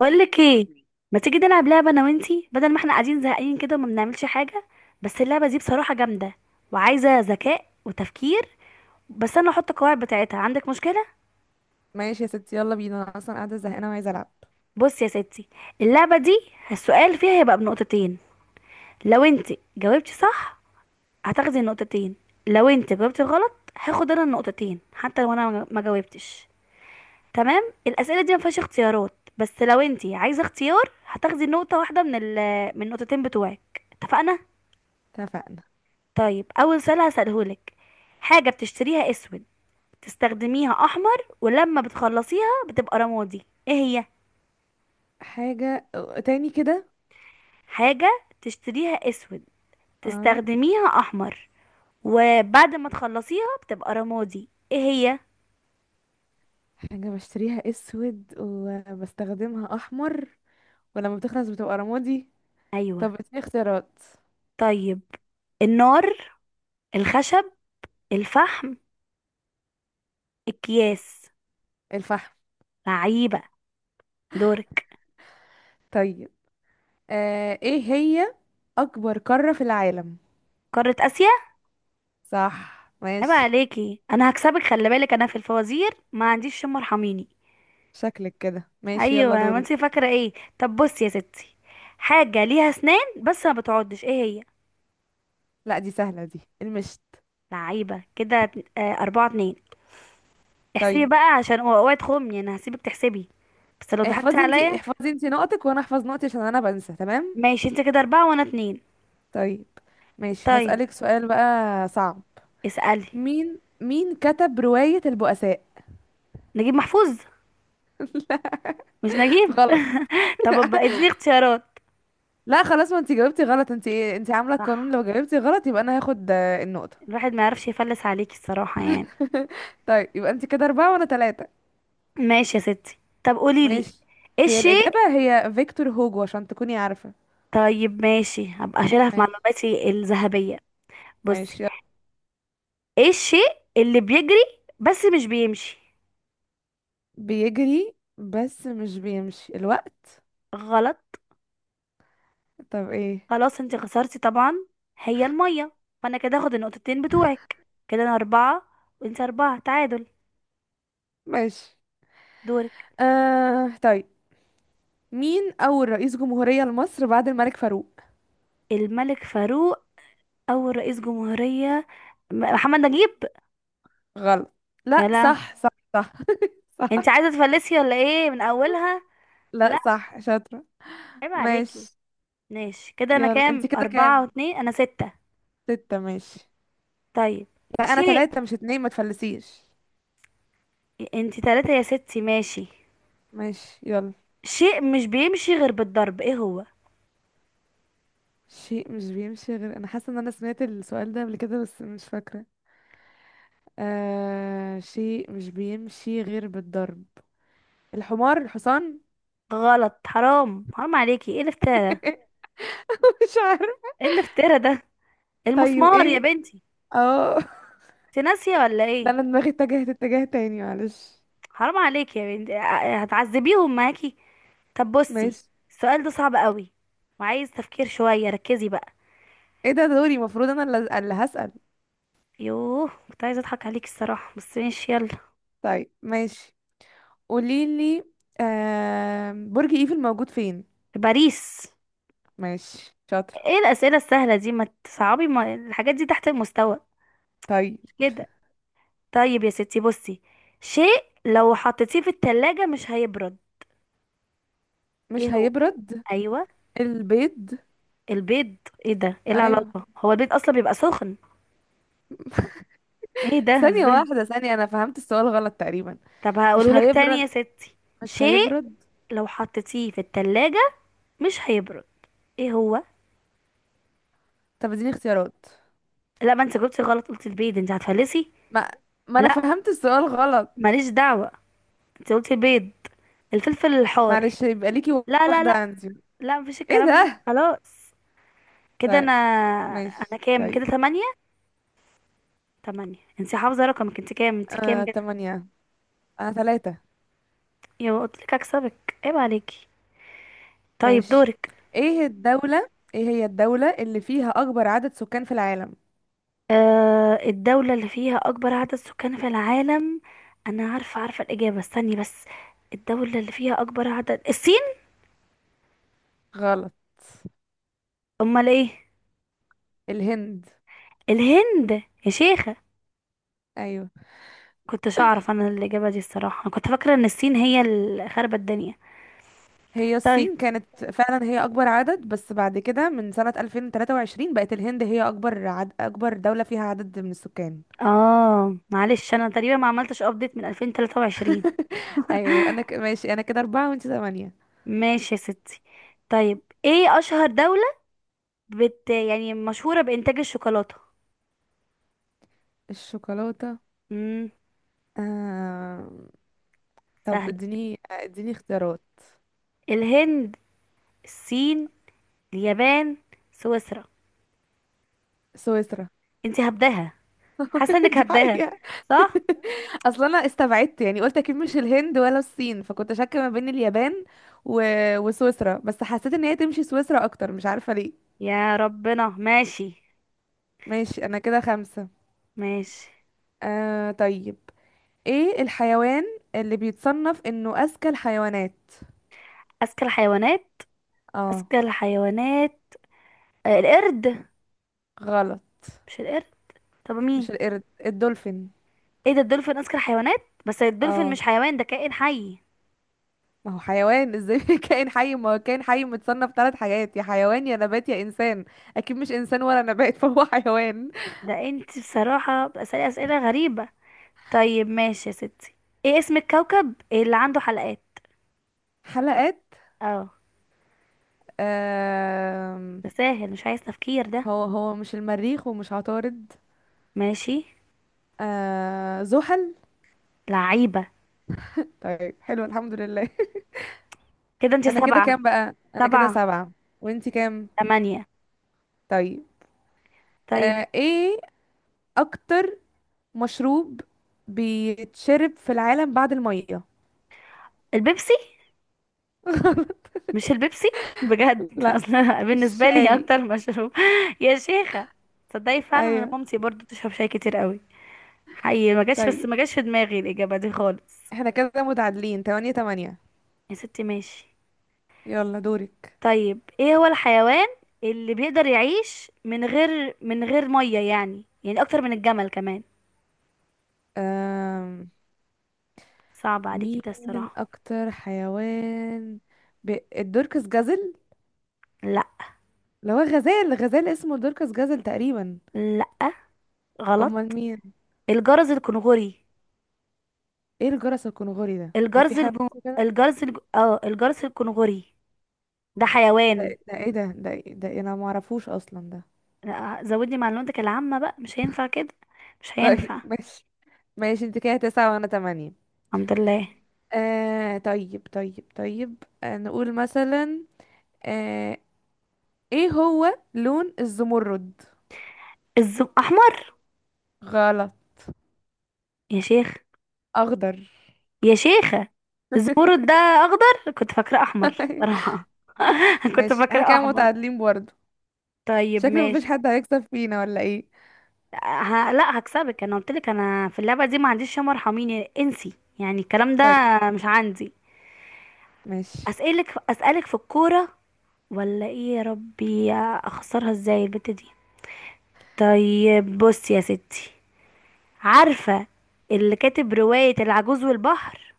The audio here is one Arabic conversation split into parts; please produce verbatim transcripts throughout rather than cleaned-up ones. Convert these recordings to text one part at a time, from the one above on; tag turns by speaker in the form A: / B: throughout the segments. A: بقول لك ايه؟ ما تيجي نلعب لعبه انا وانتي بدل ما احنا قاعدين زهقانين كده وما بنعملش حاجه؟ بس اللعبه دي بصراحه جامده وعايزه ذكاء وتفكير. بس انا هحط القواعد بتاعتها، عندك مشكله؟
B: ماشي يا ستي، يلا بينا، انا اصلا قاعده زهقانه وعايزه العب.
A: بص يا ستي، اللعبه دي السؤال فيها هيبقى بنقطتين. لو انتي جاوبتي صح هتاخدي النقطتين، لو انتي جاوبتي غلط هاخد انا النقطتين حتى لو انا ما جاوبتش. تمام، الاسئله دي ما فيهاش اختيارات، بس لو انتي عايزه اختيار هتاخدي نقطه واحده من ال من النقطتين بتوعك، اتفقنا؟
B: اتفقنا.
A: طيب، اول سؤال هسألهولك. حاجة بتشتريها اسود، تستخدميها احمر، ولما بتخلصيها بتبقى رمادي، ايه هي؟
B: حاجه؟ تاني كده؟
A: حاجة تشتريها اسود،
B: اه.
A: تستخدميها احمر، وبعد ما تخلصيها بتبقى رمادي، ايه هي؟
B: حاجه بشتريها اسود وبستخدمها احمر، ولما بتخلص بتبقى رمادي.
A: ايوه.
B: طب اديني اختيارات.
A: طيب، النار، الخشب، الفحم، اكياس.
B: الفحم.
A: لعيبة، دورك.
B: طيب. آه ايه هي اكبر قاره في العالم؟
A: قارة اسيا.
B: صح،
A: عيب
B: ماشي.
A: عليكي، انا هكسبك. خلي بالك انا في الفوازير ما عنديش شم، ارحميني.
B: شكلك كده ماشي،
A: ايوه،
B: يلا
A: ما انت
B: دورك.
A: فاكره ايه. طب بصي يا ستي، حاجه ليها اسنان بس ما بتعضش، ايه هي؟
B: لا، دي سهله، دي المشت.
A: لعيبه كده. ات- آه، اربعة اتنين. احسبي
B: طيب.
A: بقى عشان اوع- اوعي تخمي، انا هسيبك تحسبي. بس لو ضحكتي
B: احفظي انتي،
A: عليا.
B: احفظي انتي نقطك وانا احفظ نقطي عشان انا بنسى، تمام.
A: ماشي، انت كده اربعة وانا اتنين.
B: طيب ماشي،
A: طيب،
B: هسألك سؤال بقى صعب.
A: اسألي.
B: مين مين كتب رواية البؤساء؟
A: نجيب محفوظ.
B: لا،
A: مش نجيب
B: غلط.
A: طب ابقى اديني اختيارات.
B: لا خلاص، ما انت جاوبتي غلط. انت انت عاملة القانون،
A: صح.
B: لو جاوبتي غلط يبقى انا هاخد آه، النقطة.
A: الواحد ما يعرفش يفلس عليكي الصراحه يعني.
B: طيب، يبقى انت كده أربعة وانا ثلاثة.
A: ماشي يا ستي. طب قولي لي،
B: ماشي.
A: ايه
B: هي
A: الشيء؟
B: الإجابة هي فيكتور هوجو عشان تكوني عارفة.
A: طيب ماشي، هبقى اشيلها في
B: ماشي.
A: معلوماتي الذهبيه. بصي،
B: ماشي يلا.
A: ايه الشيء اللي بيجري بس مش بيمشي؟
B: بيجري بس مش بيمشي الوقت.
A: غلط.
B: طب ايه؟
A: خلاص، انت خسرتي طبعا. هي المية، فانا كده هاخد النقطتين بتوعك. كده انا اربعة وانت اربعة، تعادل.
B: ماشي.
A: دورك.
B: آه طيب، مين أول رئيس جمهورية لمصر بعد الملك فاروق؟
A: الملك فاروق. اول رئيس جمهورية، م- محمد نجيب.
B: غلط. لا،
A: يلا.
B: صح، صح. صح،
A: انت
B: صح.
A: عايزة تفلسي ولا ايه من اولها؟
B: لا،
A: لا،
B: صح، شاطرة.
A: عيب عليكي.
B: ماشي.
A: ماشي، كده انا
B: يلا،
A: كام؟
B: انت كده
A: اربعة
B: كام؟
A: واتنين انا ستة
B: ستة، ماشي.
A: طيب،
B: لا انا
A: شيء.
B: تلاتة مش اتنين، ما تفلسيش.
A: انت تلاتة يا ستي، ماشي.
B: ماشي يلا.
A: شيء مش بيمشي غير بالضرب، ايه هو؟
B: شيء مش بيمشي غير، انا حاسة ان انا سمعت السؤال ده قبل كده بس مش فاكرة. آه... شيء مش بيمشي غير بالضرب. الحمار، الحصان.
A: غلط. حرام حرام عليكي، ايه الافتراء ده؟
B: مش عارف.
A: ايه الافتراء ده؟
B: طيب
A: المسمار يا
B: ايه؟
A: بنتي.
B: اه.
A: انت ناسيه ولا
B: ده
A: ايه؟
B: انا دماغي اتجهت اتجاه تاني، معلش.
A: حرام عليكي يا بنتي. ع- هتعذبيهم معاكي. طب بصي،
B: ماشي.
A: السؤال ده صعب قوي وعايز تفكير شويه، ركزي بقى.
B: ايه ده؟ دوري، المفروض انا اللي اللي هسأل.
A: يوه، كنت عايزه اضحك عليكي الصراحه، بس ماشي يلا.
B: طيب، ماشي، قوليلي. آه... برج ايفل موجود فين؟
A: باريس.
B: ماشي، شاطرة.
A: ايه الاسئله السهله دي؟ ما تصعبي، ما الحاجات دي تحت المستوى
B: طيب.
A: كده. طيب يا ستي، بصي، شيء لو حطيتيه في التلاجة مش هيبرد، ايه
B: مش
A: هو؟
B: هيبرد.
A: ايوه.
B: البيض.
A: البيض؟ ايه ده؟ ايه
B: ايوه.
A: العلاقة؟ هو البيض اصلا بيبقى سخن؟ ايه ده،
B: ثانية
A: ازاي؟
B: واحدة، ثانية، انا فهمت السؤال غلط تقريبا.
A: طب
B: مش
A: هقوله لك تاني يا
B: هيبرد.
A: ستي.
B: مش
A: شيء
B: هيبرد.
A: لو حطيتيه في التلاجة مش هيبرد، ايه هو؟
B: طب اديني اختيارات.
A: لا، ما انت جبتي غلط، قلت البيض، انت هتفلسي.
B: ما ما انا
A: لا،
B: فهمت السؤال غلط.
A: ماليش دعوة، انت قلتي البيض. الفلفل الحار.
B: معلش، يبقى ليكي
A: لا لا
B: واحدة
A: لا،
B: عندي.
A: لا، مفيش
B: ايه
A: الكلام ده،
B: ده؟
A: خلاص. كده
B: طيب،
A: انا
B: ماشي،
A: انا كام
B: طيب.
A: كده؟ تمانية. تمانية. انت حافظة رقمك؟ انت كام انت كام
B: آه
A: كده؟
B: تمانية. انا ثلاثة.
A: يا قلت لك اكسبك، عيب عليكي. طيب،
B: ماشي.
A: دورك.
B: ايه الدولة ايه هي الدولة اللي فيها اكبر عدد سكان في العالم؟
A: آه، الدولة اللي فيها أكبر عدد سكان في العالم. أنا عارفة عارفة الإجابة، استني بس. الدولة اللي فيها أكبر عدد، الصين.
B: غلط.
A: أمال إيه؟
B: الهند.
A: الهند. يا شيخة.
B: ايوه،
A: كنتش أعرف أنا الإجابة دي الصراحة، أنا كنت فاكرة إن الصين هي اللي خربت الدنيا.
B: هي
A: طيب،
B: الصين كانت فعلا هي اكبر عدد، بس بعد كده من سنة ألفين وثلاثة وعشرين بقت الهند هي اكبر عد... اكبر دولة فيها عدد من السكان.
A: آه معلش، أنا تقريبا ما عملتش أبديت من ألفين وثلاثة وعشرين.
B: ايوه، يبقى انا ك... ماشي، انا كده اربعة وانت ثمانية.
A: ماشي يا ستي. طيب، إيه أشهر دولة بت يعني مشهورة بإنتاج الشوكولاتة؟
B: الشوكولاتة.
A: امم.
B: آه... طب
A: سهل.
B: اديني اديني اختيارات.
A: الهند، الصين، اليابان، سويسرا.
B: سويسرا.
A: انتي هبداها. حاسه انك
B: دي
A: هبداها.
B: حقيقة.
A: صح.
B: اصلا انا استبعدت يعني، قلت اكيد مش الهند ولا الصين، فكنت شاكة ما بين اليابان و... وسويسرا، بس حسيت ان هي تمشي سويسرا اكتر، مش عارفة ليه.
A: يا ربنا ماشي.
B: ماشي، انا كده خمسة.
A: ماشي.
B: آه طيب. ايه الحيوان اللي بيتصنف انه اذكى الحيوانات؟
A: اذكى الحيوانات.
B: اه.
A: اذكى الحيوانات. آه، القرد.
B: غلط.
A: مش القرد. طب مين؟
B: مش القرد، الدولفين.
A: ايه ده؟ الدولفين اذكى الحيوانات؟ بس الدولفين
B: اه.
A: مش حيوان، ده كائن حي.
B: ما هو حيوان ازاي؟ كائن حي، ما هو كائن حي متصنف ثلاث حاجات، يا حيوان يا نبات يا انسان. اكيد مش انسان ولا نبات، فهو حيوان.
A: ده انت بصراحه بتسألي اسئله غريبه. طيب ماشي يا ستي. ايه اسم الكوكب اللي عنده حلقات؟
B: حلقات؟
A: اه.
B: آه
A: ده سهل، مش عايز تفكير ده.
B: هو هو مش المريخ ومش عطارد.
A: ماشي.
B: آه زحل.
A: لعيبه.
B: طيب، حلو، الحمد لله.
A: كده انت
B: انا كده
A: سبعه.
B: كام بقى؟ انا كده
A: سبعه.
B: سبعة. وانتي كام؟
A: تمانية.
B: طيب.
A: طيب.
B: آه ايه اكتر مشروب بيتشرب في العالم بعد المية؟
A: البيبسي. مش البيبسي بجد
B: لا،
A: اصلا بالنسبه لي هي
B: الشاي.
A: اكتر مشروب. يا شيخه. تصدقي فعلا انا
B: ايوه.
A: مامتي برضو بتشرب شاي كتير قوي. حقيقي ما جاش بس
B: طيب،
A: ما جاش في دماغي الاجابه دي خالص.
B: احنا كده متعادلين تمانية تمانية.
A: يا ستي ماشي.
B: يلا دورك.
A: طيب، ايه هو الحيوان اللي بيقدر يعيش من غير من غير ميه؟ يعني يعني اكتر من الجمل كمان.
B: أم...
A: صعب عليكي ده
B: مين
A: الصراحه.
B: اكتر حيوان، ب... الدركس جزل.
A: لا.
B: اللي هو غزال، غزال اسمه دركس جزل تقريبا.
A: لا،
B: امال
A: غلط.
B: مين؟
A: الجرز الكنغوري.
B: ايه الجرس الكنغوري ده؟ هو في
A: الجرز
B: حيوان
A: الج...
B: اسمه كده؟
A: الجرز الج... اه الجرز الكنغوري. ده حيوان.
B: ده, ده ايه ده ده, ده, انا ما اعرفوش اصلا ده.
A: لا، زودني معلوماتك العامة بقى، مش هينفع كده، مش
B: طيب،
A: هينفع.
B: ماشي. ماشي، انت كده تسعة وانا تمانية.
A: الحمد لله.
B: آه طيب، طيب، طيب. آه نقول مثلا، آه ايه هو لون الزمرد؟
A: الزم... أحمر.
B: غلط.
A: يا شيخ.
B: اخضر.
A: يا شيخة. الزمرد ده أخضر، كنت فاكراه أحمر صراحة. كنت
B: ماشي، احنا
A: فاكراه
B: كده
A: أحمر.
B: متعادلين برضه.
A: طيب
B: شكله مفيش
A: ماشي.
B: حد هيكسب فينا ولا ايه؟
A: ه... لا، هكسبك. أنا قلت لك أنا في اللعبة دي ما عنديش شمر، ارحميني، انسي يعني الكلام ده،
B: طيب،
A: مش عندي.
B: ماشي.
A: أسألك أسألك في الكورة ولا إيه يا ربي؟ أخسرها إزاي البت دي. طيب بص يا ستي، عارفة اللي كاتب رواية العجوز والبحر؟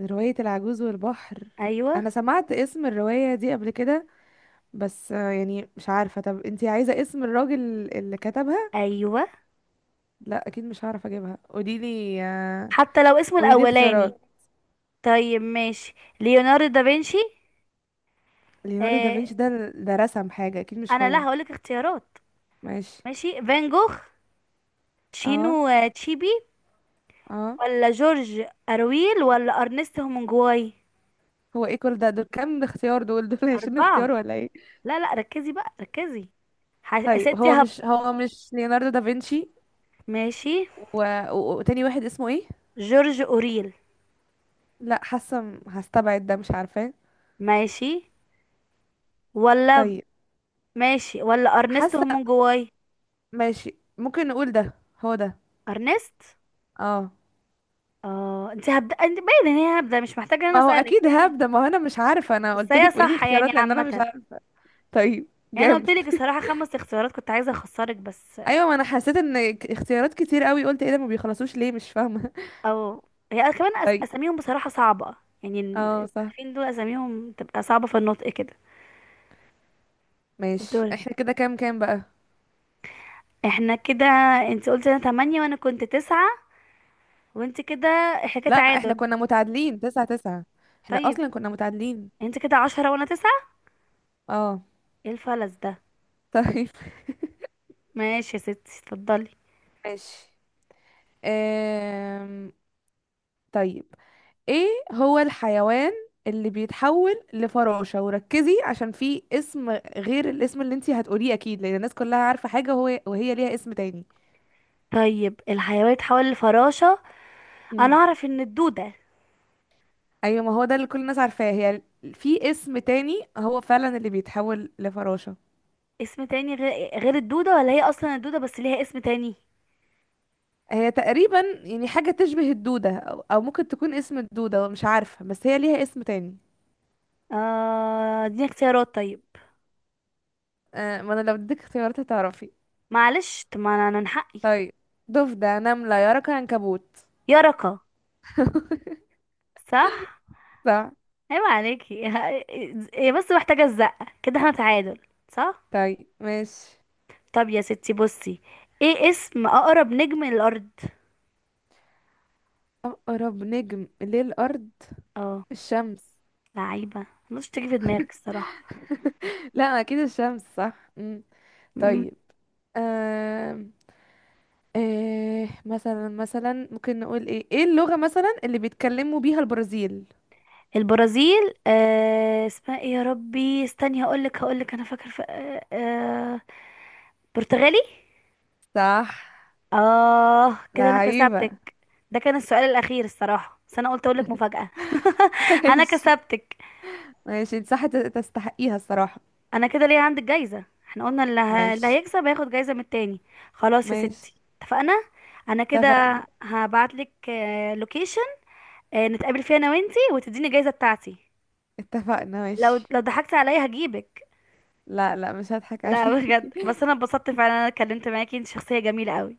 B: رواية العجوز والبحر؟
A: أيوة.
B: انا سمعت اسم الرواية دي قبل كده بس آه، يعني مش عارفة. طب انتي عايزة اسم الراجل اللي كتبها؟
A: أيوة،
B: لا، اكيد مش هعرف اجيبها، قوليلي آه،
A: حتى لو اسمه
B: قوليلي
A: الأولاني.
B: اختيارات.
A: طيب ماشي، ليوناردو دافنشي.
B: ليوناردو
A: آه.
B: دافنشي ده ده رسم حاجة، اكيد مش
A: أنا
B: هو.
A: لا هقولك اختيارات.
B: ماشي.
A: ماشي، فان جوخ، تشينو
B: اه،
A: آه، تشيبي،
B: اه.
A: ولا جورج أرويل، ولا أرنست هومنجواي.
B: هو ايه كل ده؟ دول كام اختيار؟ دول دول عشرين
A: أربعة.
B: اختيار ولا ايه؟
A: لا لا، ركزي بقى، ركزي. ح- يا
B: طيب،
A: ستي
B: هو
A: هب
B: مش هو مش ليوناردو دافنشي.
A: ماشي،
B: و... و... وتاني واحد اسمه ايه؟
A: جورج أوريل.
B: لا، حاسه م- هستبعد ده، مش عارفاه.
A: ماشي ولا
B: طيب،
A: ماشي ولا أرنست
B: حاسه،
A: هومنجواي.
B: ماشي ممكن نقول ده، هو ده.
A: أرنست.
B: اه.
A: اه، انت هبدا، انت باين ان هي هبدا، مش محتاجه ان انا
B: ما هو
A: اسالك
B: اكيد
A: يعني.
B: هاب ده، ما هو انا مش عارفه، انا
A: بس
B: قلت
A: هي
B: لك قولي لي
A: صح يعني
B: اختيارات لان انا مش
A: عامه.
B: عارفه. طيب.
A: يعني انا
B: جامد.
A: قلت لك الصراحه خمس اختيارات كنت عايزه اخسرك بس.
B: ايوه، ما انا حسيت ان ك- اختيارات كتير قوي، قلت ايه ده ما بيخلصوش ليه، مش فاهمه.
A: او، هي كمان أس...
B: طيب.
A: اساميهم بصراحه صعبه، يعني
B: اه، صح.
A: المؤلفين دول اساميهم تبقى صعبه في النطق كده.
B: ماشي،
A: دورك.
B: احنا كده كام كام بقى؟
A: احنا كده، انت قلت انا تمانية وانا كنت تسعة، وانت كده، احنا كده
B: لا، احنا
A: تعادل.
B: كنا متعادلين تسعة تسعة، احنا
A: طيب،
B: اصلا كنا متعادلين.
A: انت كده عشرة وانا تسعة.
B: اه.
A: ايه الفلس ده؟
B: طيب،
A: ماشي يا ستي، اتفضلي.
B: ماشي. أم... طيب، ايه هو الحيوان اللي بيتحول لفراشة؟ وركزي عشان في اسم غير الاسم اللي انتي هتقوليه اكيد، لان الناس كلها عارفة حاجة، وهو وهي ليها اسم تاني.
A: طيب، الحيوان اتحول لفراشة. انا
B: مم.
A: اعرف ان الدودة.
B: ايوه، ما هو ده اللي كل الناس عارفاه هي. في اسم تاني هو فعلا اللي بيتحول لفراشة.
A: اسم تاني غير غير الدودة؟ ولا هي أصلا الدودة بس ليها اسم تاني؟
B: هي تقريبا يعني حاجة تشبه الدودة، أو أو ممكن تكون اسم الدودة، مش عارفة، بس هي ليها اسم تاني.
A: آه، اديني اختيارات طيب.
B: آه ما انا لو اديتك اختيارات هتعرفي.
A: معلش، طب ما أنا، أنا من حقي.
B: طيب. ضفدع، نملة، يرق، عنكبوت.
A: يرقة. صح.
B: صح.
A: عيب عليكي هي بس محتاجة الزقة كده، احنا تعادل. صح.
B: طيب، ماشي.
A: طب يا ستي بصي، ايه اسم أقرب نجم للأرض؟
B: اقرب نجم للارض؟
A: اه.
B: الشمس.
A: لعيبة، مش تيجي في دماغك الصراحة.
B: لا، اكيد الشمس صح. مم.
A: مم.
B: طيب. آه... آه... مثلا مثلا ممكن نقول ايه ايه اللغة مثلا اللي بيتكلموا بيها البرازيل؟
A: البرازيل، آه اسمها ايه يا ربي؟ استني، هقولك هقولك، أنا فاكر ف... آه... آه... برتغالي.
B: صح.
A: اه، كده انا
B: لعيبة.
A: كسبتك. ده كان السؤال الاخير الصراحه، بس انا قلت اقولك مفاجاه. انا
B: ماشي.
A: كسبتك.
B: ماشي، انت صح تستحقيها الصراحة.
A: انا كده ليه عندك جايزه، احنا قلنا اللي, ه... اللي
B: ماشي.
A: هيكسب هياخد جايزه من التاني. خلاص يا
B: ماشي.
A: ستي، اتفقنا. انا كده
B: اتفقنا.
A: هبعتلك آه، لوكيشن آه، نتقابل فيها انا وانتي وتديني الجايزه بتاعتي.
B: اتفقنا،
A: لو
B: ماشي.
A: لو ضحكتي عليا هجيبك.
B: لا، لا، مش هضحك
A: لا،
B: عليكي.
A: بجد، بس انا اتبسطت فعلا انا اتكلمت معاكي، انت شخصيه جميله قوي.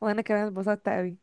B: وانا كمان اتبسطت قوي.